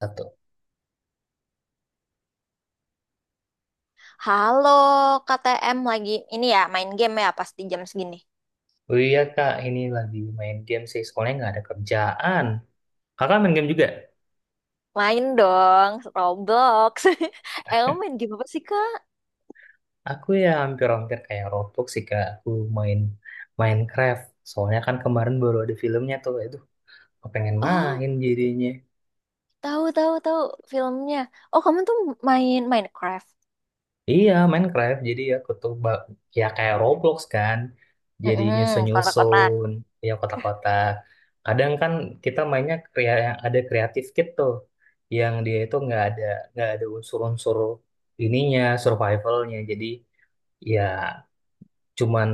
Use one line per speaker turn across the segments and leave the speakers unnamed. Satu.
Halo, KTM lagi ini ya main game ya pasti jam segini.
Oh iya kak, ini lagi main game sih. Soalnya nggak ada kerjaan. Kakak main game juga?
Main dong, Roblox. Eh, kamu main game apa sih, Kak?
Aku ya hampir-hampir kayak Roblox sih kak. Aku main Minecraft. Soalnya kan kemarin baru ada filmnya tuh. Itu pengen
Oh,
main jadinya.
tahu tahu tahu filmnya. Oh, kamu tuh main Minecraft.
Iya, Minecraft. Jadi ya kayak Roblox kan. Jadi
Mm-mm, kotak-kotak.
nyusun-nyusun, ya kota-kota. Kadang kan kita ada kreatif kit tuh, yang dia itu nggak ada unsur-unsur ininya survivalnya. Jadi ya cuman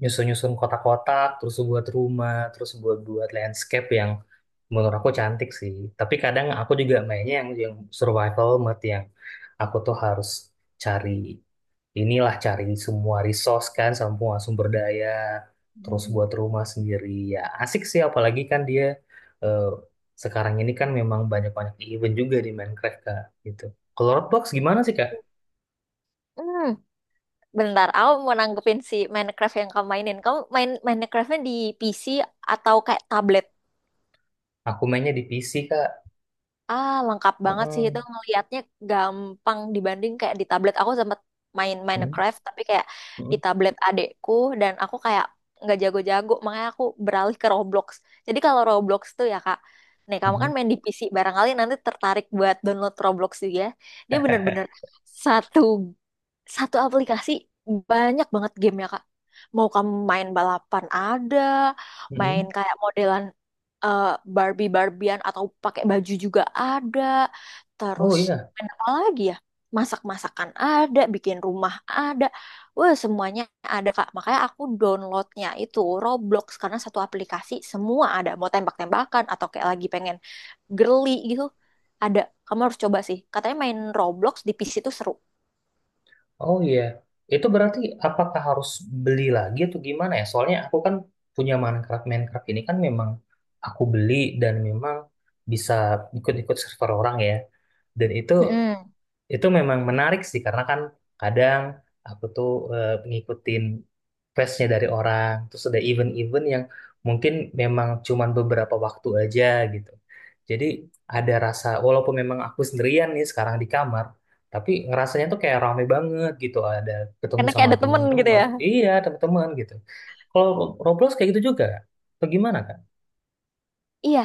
nyusun-nyusun kotak-kotak, terus buat rumah, terus buat buat landscape yang menurut aku cantik sih. Tapi kadang aku juga mainnya yang survival mode yang aku tuh harus cari inilah, cari semua resource kan, semua sumber daya, terus
Mhm.
buat rumah sendiri. Ya asik sih, apalagi kan dia eh, sekarang ini kan memang banyak-banyak event juga di Minecraft kak gitu. Kalau Roblox gimana sih kak?
Hmm, Bentar, aku mau nanggepin si Minecraft yang kamu mainin. Kamu main Minecraftnya di PC atau kayak tablet?
Aku mainnya di PC kak.
Ah, lengkap banget sih
Heeh.
itu ngelihatnya gampang dibanding kayak di tablet. Aku sempat main
Heeh.
Minecraft tapi kayak di
Heeh.
tablet adekku dan aku kayak nggak jago-jago makanya aku beralih ke Roblox. Jadi kalau Roblox tuh ya Kak, nih kamu kan
Heeh.
main di PC barangkali nanti tertarik buat download Roblox juga, ya. Dia bener-bener satu satu aplikasi banyak banget game ya Kak. Mau kamu main balapan ada,
Heeh.
main kayak modelan eh, Barbie-Barbian atau pakai baju juga ada.
Oh
Terus
iya.
main apa lagi ya? Masak-masakan ada, bikin rumah ada. Wah, semuanya ada Kak. Makanya aku downloadnya itu Roblox karena satu aplikasi semua ada. Mau tembak-tembakan atau kayak lagi pengen girly gitu. Ada. Kamu harus coba sih. Katanya main Roblox di PC itu seru.
Oh iya, itu berarti apakah harus beli lagi atau gimana ya? Soalnya aku kan punya Minecraft, Minecraft ini kan memang aku beli dan memang bisa ikut-ikut server orang ya. Dan itu
Mm-mm.
itu memang menarik sih karena kan kadang aku tuh ngikutin questnya dari orang, terus ada event-event yang mungkin memang cuman beberapa waktu aja gitu. Jadi ada rasa, walaupun memang aku sendirian nih sekarang di kamar, tapi ngerasanya tuh kayak rame banget gitu, ada ketemu
Karena kayak
sama
ada temen gitu
teman-teman.
ya.
Iya, teman-teman gitu. Kalau Roblox kayak gitu juga, atau gimana Kak?
Iya,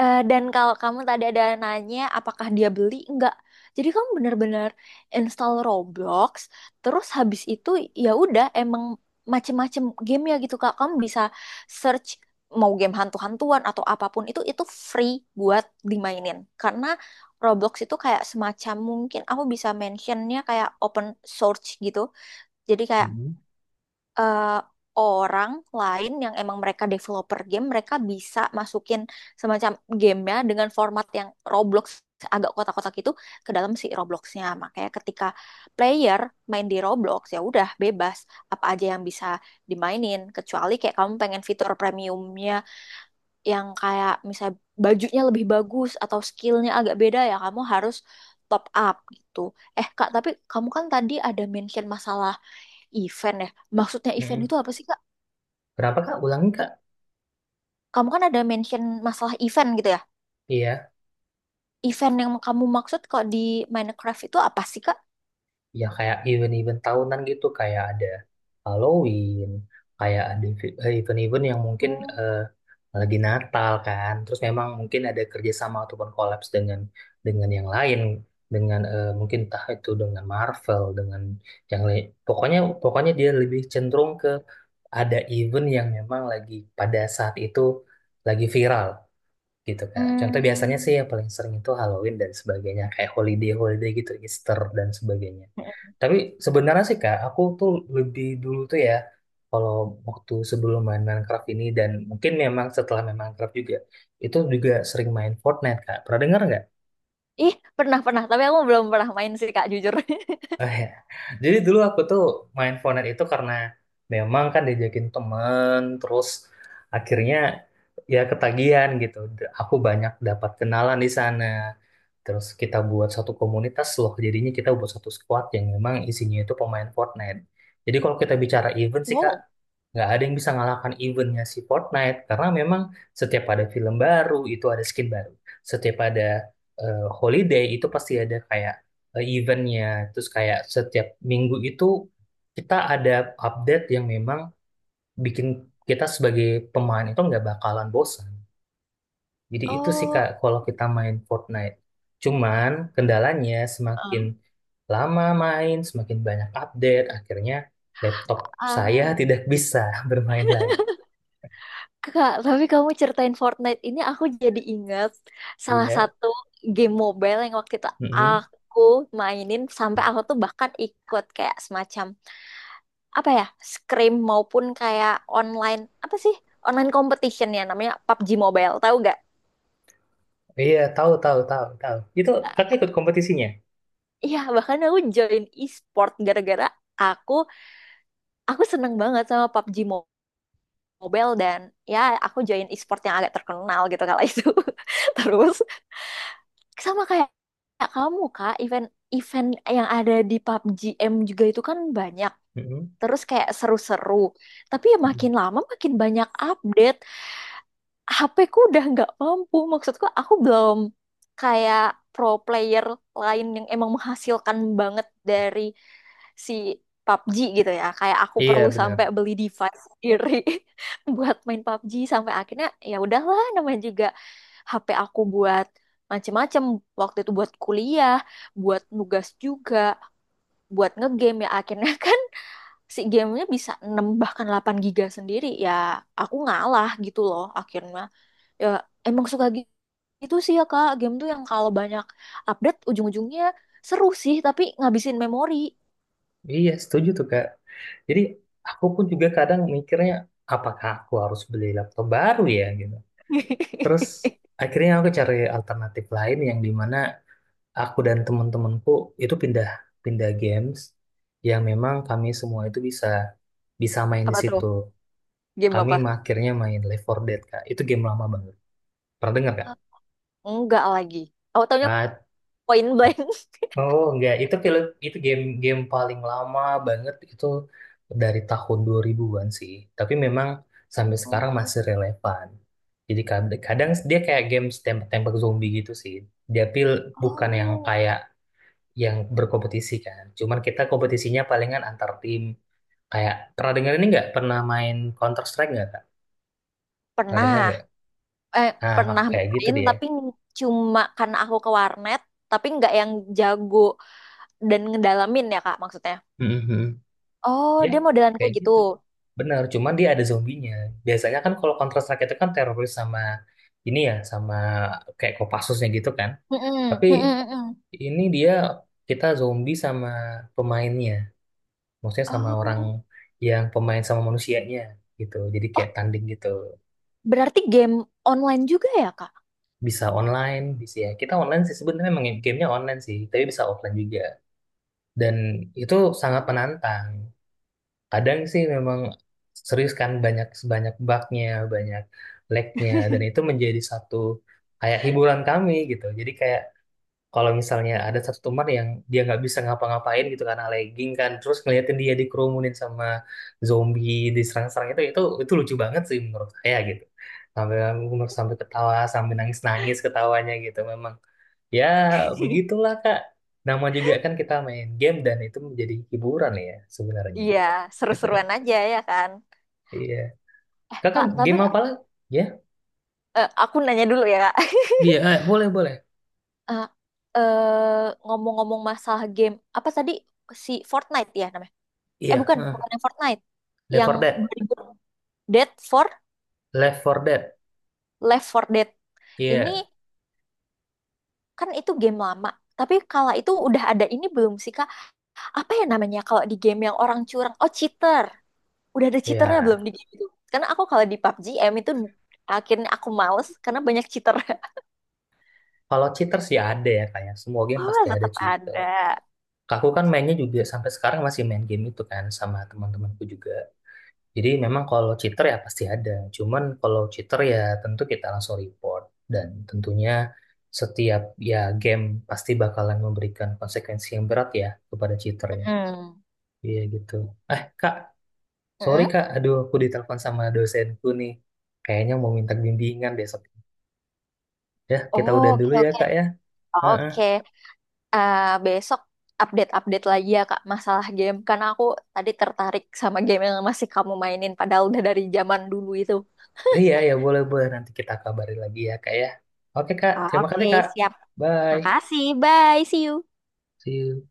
dan kalau kamu tadi ada nanya apakah dia beli, enggak. Jadi kamu benar-benar install Roblox, terus habis itu ya udah emang macem-macem game ya gitu Kak. Kamu bisa search mau game hantu-hantuan atau apapun itu free buat dimainin. Karena Roblox itu kayak semacam mungkin aku bisa mentionnya kayak open source gitu. Jadi kayak
Mm-mm.
eh, orang lain yang emang mereka developer game, mereka bisa masukin semacam gamenya dengan format yang Roblox agak kotak-kotak itu ke dalam si Robloxnya. Makanya ketika player main di Roblox ya udah bebas apa aja yang bisa dimainin, kecuali kayak kamu pengen fitur premiumnya yang kayak misal bajunya lebih bagus atau skillnya agak beda, ya kamu harus top up gitu. Eh Kak, tapi kamu kan tadi ada mention masalah event ya. Maksudnya event
Mm-mm.
itu apa sih Kak?
Berapa Kak? Ulangi Kak?
Kamu kan ada mention masalah event gitu ya.
Iya.
Event yang kamu maksud kok di Minecraft itu apa sih Kak?
Ya kayak event-event tahunan gitu, kayak ada Halloween, kayak ada event-event yang mungkin
Oh.
eh, lagi Natal kan, terus memang mungkin ada kerjasama ataupun kolaps dengan yang lain, dengan mungkin entah itu dengan Marvel dengan yang lain, pokoknya pokoknya dia lebih cenderung ke ada event yang memang lagi pada saat itu lagi viral gitu kak. Contoh biasanya sih
Hmm.
yang paling sering itu Halloween dan sebagainya, kayak holiday holiday gitu, Easter dan sebagainya. Tapi sebenarnya sih Kak, aku tuh lebih dulu tuh ya, kalau waktu sebelum main Minecraft ini dan mungkin memang setelah main Minecraft juga, itu juga sering main Fortnite Kak. Pernah dengar nggak?
Ih, pernah pernah, tapi aku belum pernah main sih Kak, jujur.
Oh, ya. Jadi dulu aku tuh main Fortnite itu karena memang kan diajakin temen, terus akhirnya ya ketagihan gitu. Aku banyak dapat kenalan di sana. Terus kita buat satu komunitas loh, jadinya kita buat satu squad yang memang isinya itu pemain Fortnite. Jadi kalau kita bicara event sih Kak,
Wow.
nggak ada yang bisa ngalahkan eventnya si Fortnite karena memang setiap ada film baru itu ada skin baru. Setiap ada holiday itu pasti ada kayak eventnya. Terus kayak setiap minggu itu kita ada update yang memang bikin kita sebagai pemain itu nggak bakalan bosan. Jadi itu sih
Oh.
Kak kalau kita main Fortnite. Cuman kendalanya semakin
Eh.
lama main, semakin banyak update, akhirnya laptop saya
Ah.
tidak bisa bermain lagi.
Kak, tapi kamu ceritain Fortnite ini aku jadi ingat salah
Ya.
satu game mobile yang waktu itu
Mm-mm.
aku mainin sampai aku tuh bahkan ikut kayak semacam apa ya, scrim maupun kayak online apa sih? Online competition ya namanya PUBG Mobile, tahu gak?
Iya, tahu tahu tahu tahu. Itu kakak
Eh,
ikut kompetisinya.
Iya, bahkan aku join e-sport gara-gara aku aku seneng banget sama PUBG Mobile dan ya aku join e-sport yang agak terkenal gitu kala itu. Terus sama kayak kayak kamu Kak, event-event yang ada di PUBG M juga itu kan banyak.
Mm-mm.
Terus kayak seru-seru. Tapi ya makin
Mm-mm.
lama makin banyak update. HP ku udah nggak mampu. Maksudku aku belum kayak pro player lain yang emang menghasilkan banget dari si PUBG gitu ya. Kayak aku perlu
Iya
sampai
benar.
beli device sendiri buat main PUBG sampai akhirnya ya udahlah, namanya juga HP aku buat macem-macem waktu itu, buat kuliah, buat nugas juga, buat ngegame ya akhirnya kan si gamenya bisa 6 bahkan 8 giga sendiri, ya aku ngalah gitu loh akhirnya. Ya emang suka gitu sih ya kak, game tuh yang kalau banyak update ujung-ujungnya seru sih tapi ngabisin memori.
Iya, setuju tuh Kak. Jadi aku pun juga kadang mikirnya apakah aku harus beli laptop baru ya gitu. Terus akhirnya aku cari alternatif lain yang dimana aku dan teman-temanku itu pindah pindah games yang memang kami semua itu bisa bisa main di
Apa tuh?
situ.
Game
Kami
apa?
akhirnya main Left 4 Dead Kak. Itu game lama banget. Pernah dengar Kak?
Enggak, lagi aku taunya
Nah,
point blank.
oh enggak, itu film itu game game paling lama banget itu dari tahun 2000-an sih. Tapi memang sampai sekarang
Oh,
masih relevan. Jadi kadang, dia kayak game tembak-tembak zombie gitu sih. Dia pil Bukan yang
oh.
kayak yang berkompetisi kan. Cuman kita kompetisinya palingan antar tim. Kayak pernah dengar ini nggak? Pernah main Counter Strike nggak, Kak? Pernah dengar
Pernah.
nggak?
eh
Nah,
Pernah
kayak gitu
main
dia.
tapi cuma karena aku ke warnet, tapi nggak yang jago dan ngedalamin ya kak, maksudnya
Mhm.
oh
Ya,
dia modelan
kayak
kayak gitu.
gitu. Benar, cuman dia ada zombinya. Biasanya kan kalau Counter Strike itu kan teroris sama ini ya, sama kayak Kopassusnya gitu kan.
Mm-mm,
Tapi
mm-mm, mm-mm.
ini dia kita zombie sama pemainnya. Maksudnya sama orang
Oh.
yang pemain sama manusianya gitu. Jadi
Oh,
kayak tanding gitu.
berarti game online juga ya, Kak?
Bisa online, bisa ya. Kita online sih sebenarnya, memang gamenya online sih, tapi bisa offline juga. Dan itu sangat menantang. Kadang sih memang serius kan, banyak sebanyak bugnya, banyak lagnya, dan itu menjadi satu kayak hiburan kami gitu. Jadi kayak kalau misalnya ada satu teman yang dia nggak bisa ngapa-ngapain gitu karena lagging kan, terus ngeliatin dia dikerumunin sama zombie, diserang-serang, itu itu lucu banget sih menurut saya gitu. Sampai sampai ketawa sampai nangis-nangis ketawanya gitu. Memang ya begitulah Kak, nama juga kan kita main game, dan itu menjadi hiburan ya sebenarnya.
Iya, seru-seruan aja ya kan.
Iya.
Eh,
Kakak
Kak, tapi
game apa lagi? Ya,
aku nanya dulu ya, Kak.
iya, eh, boleh boleh.
eh, Ngomong-ngomong masalah game, apa tadi si Fortnite ya namanya? Eh
Iya,
bukan,
heeh.
bukan yang Fortnite.
Left
Yang
4 Dead,
2000 Dead for
Left 4 Dead.
Left for Dead. Ini
Iya,
kan itu game lama. Tapi kala itu udah ada ini belum sih, Kak? Apa ya namanya kalau di game yang orang curang? Oh, cheater. Udah ada cheaternya belum
iya.
di game itu? Karena aku kalau di PUBG M itu akhirnya aku males karena banyak cheater.
Kalau cheater sih ada ya, kayak semua game
Oh,
pasti ada
tetap
cheater.
ada.
Aku kan mainnya juga sampai sekarang masih main game itu kan sama teman-temanku juga. Jadi memang kalau cheater ya pasti ada. Cuman kalau cheater ya tentu kita langsung report, dan tentunya setiap ya game pasti bakalan memberikan konsekuensi yang berat ya kepada cheater ya.
Mm.
Iya gitu. Eh, Kak, sorry
Mm-mm.
Kak, aduh aku ditelepon sama dosenku nih. Kayaknya mau minta bimbingan besok. Ya, kita
Oh,
udahan
oke,
dulu ya
oke.
Kak ya. Heeh.
Oke. Eh, besok update-update lagi ya Kak masalah game karena aku tadi tertarik sama game yang masih kamu mainin padahal udah dari zaman dulu itu.
Iya, ya boleh-boleh. Nanti kita kabari lagi ya Kak ya. Oke Kak, terima
Oke,
kasih Kak.
siap.
Bye.
Makasih. Bye. See you.
See you.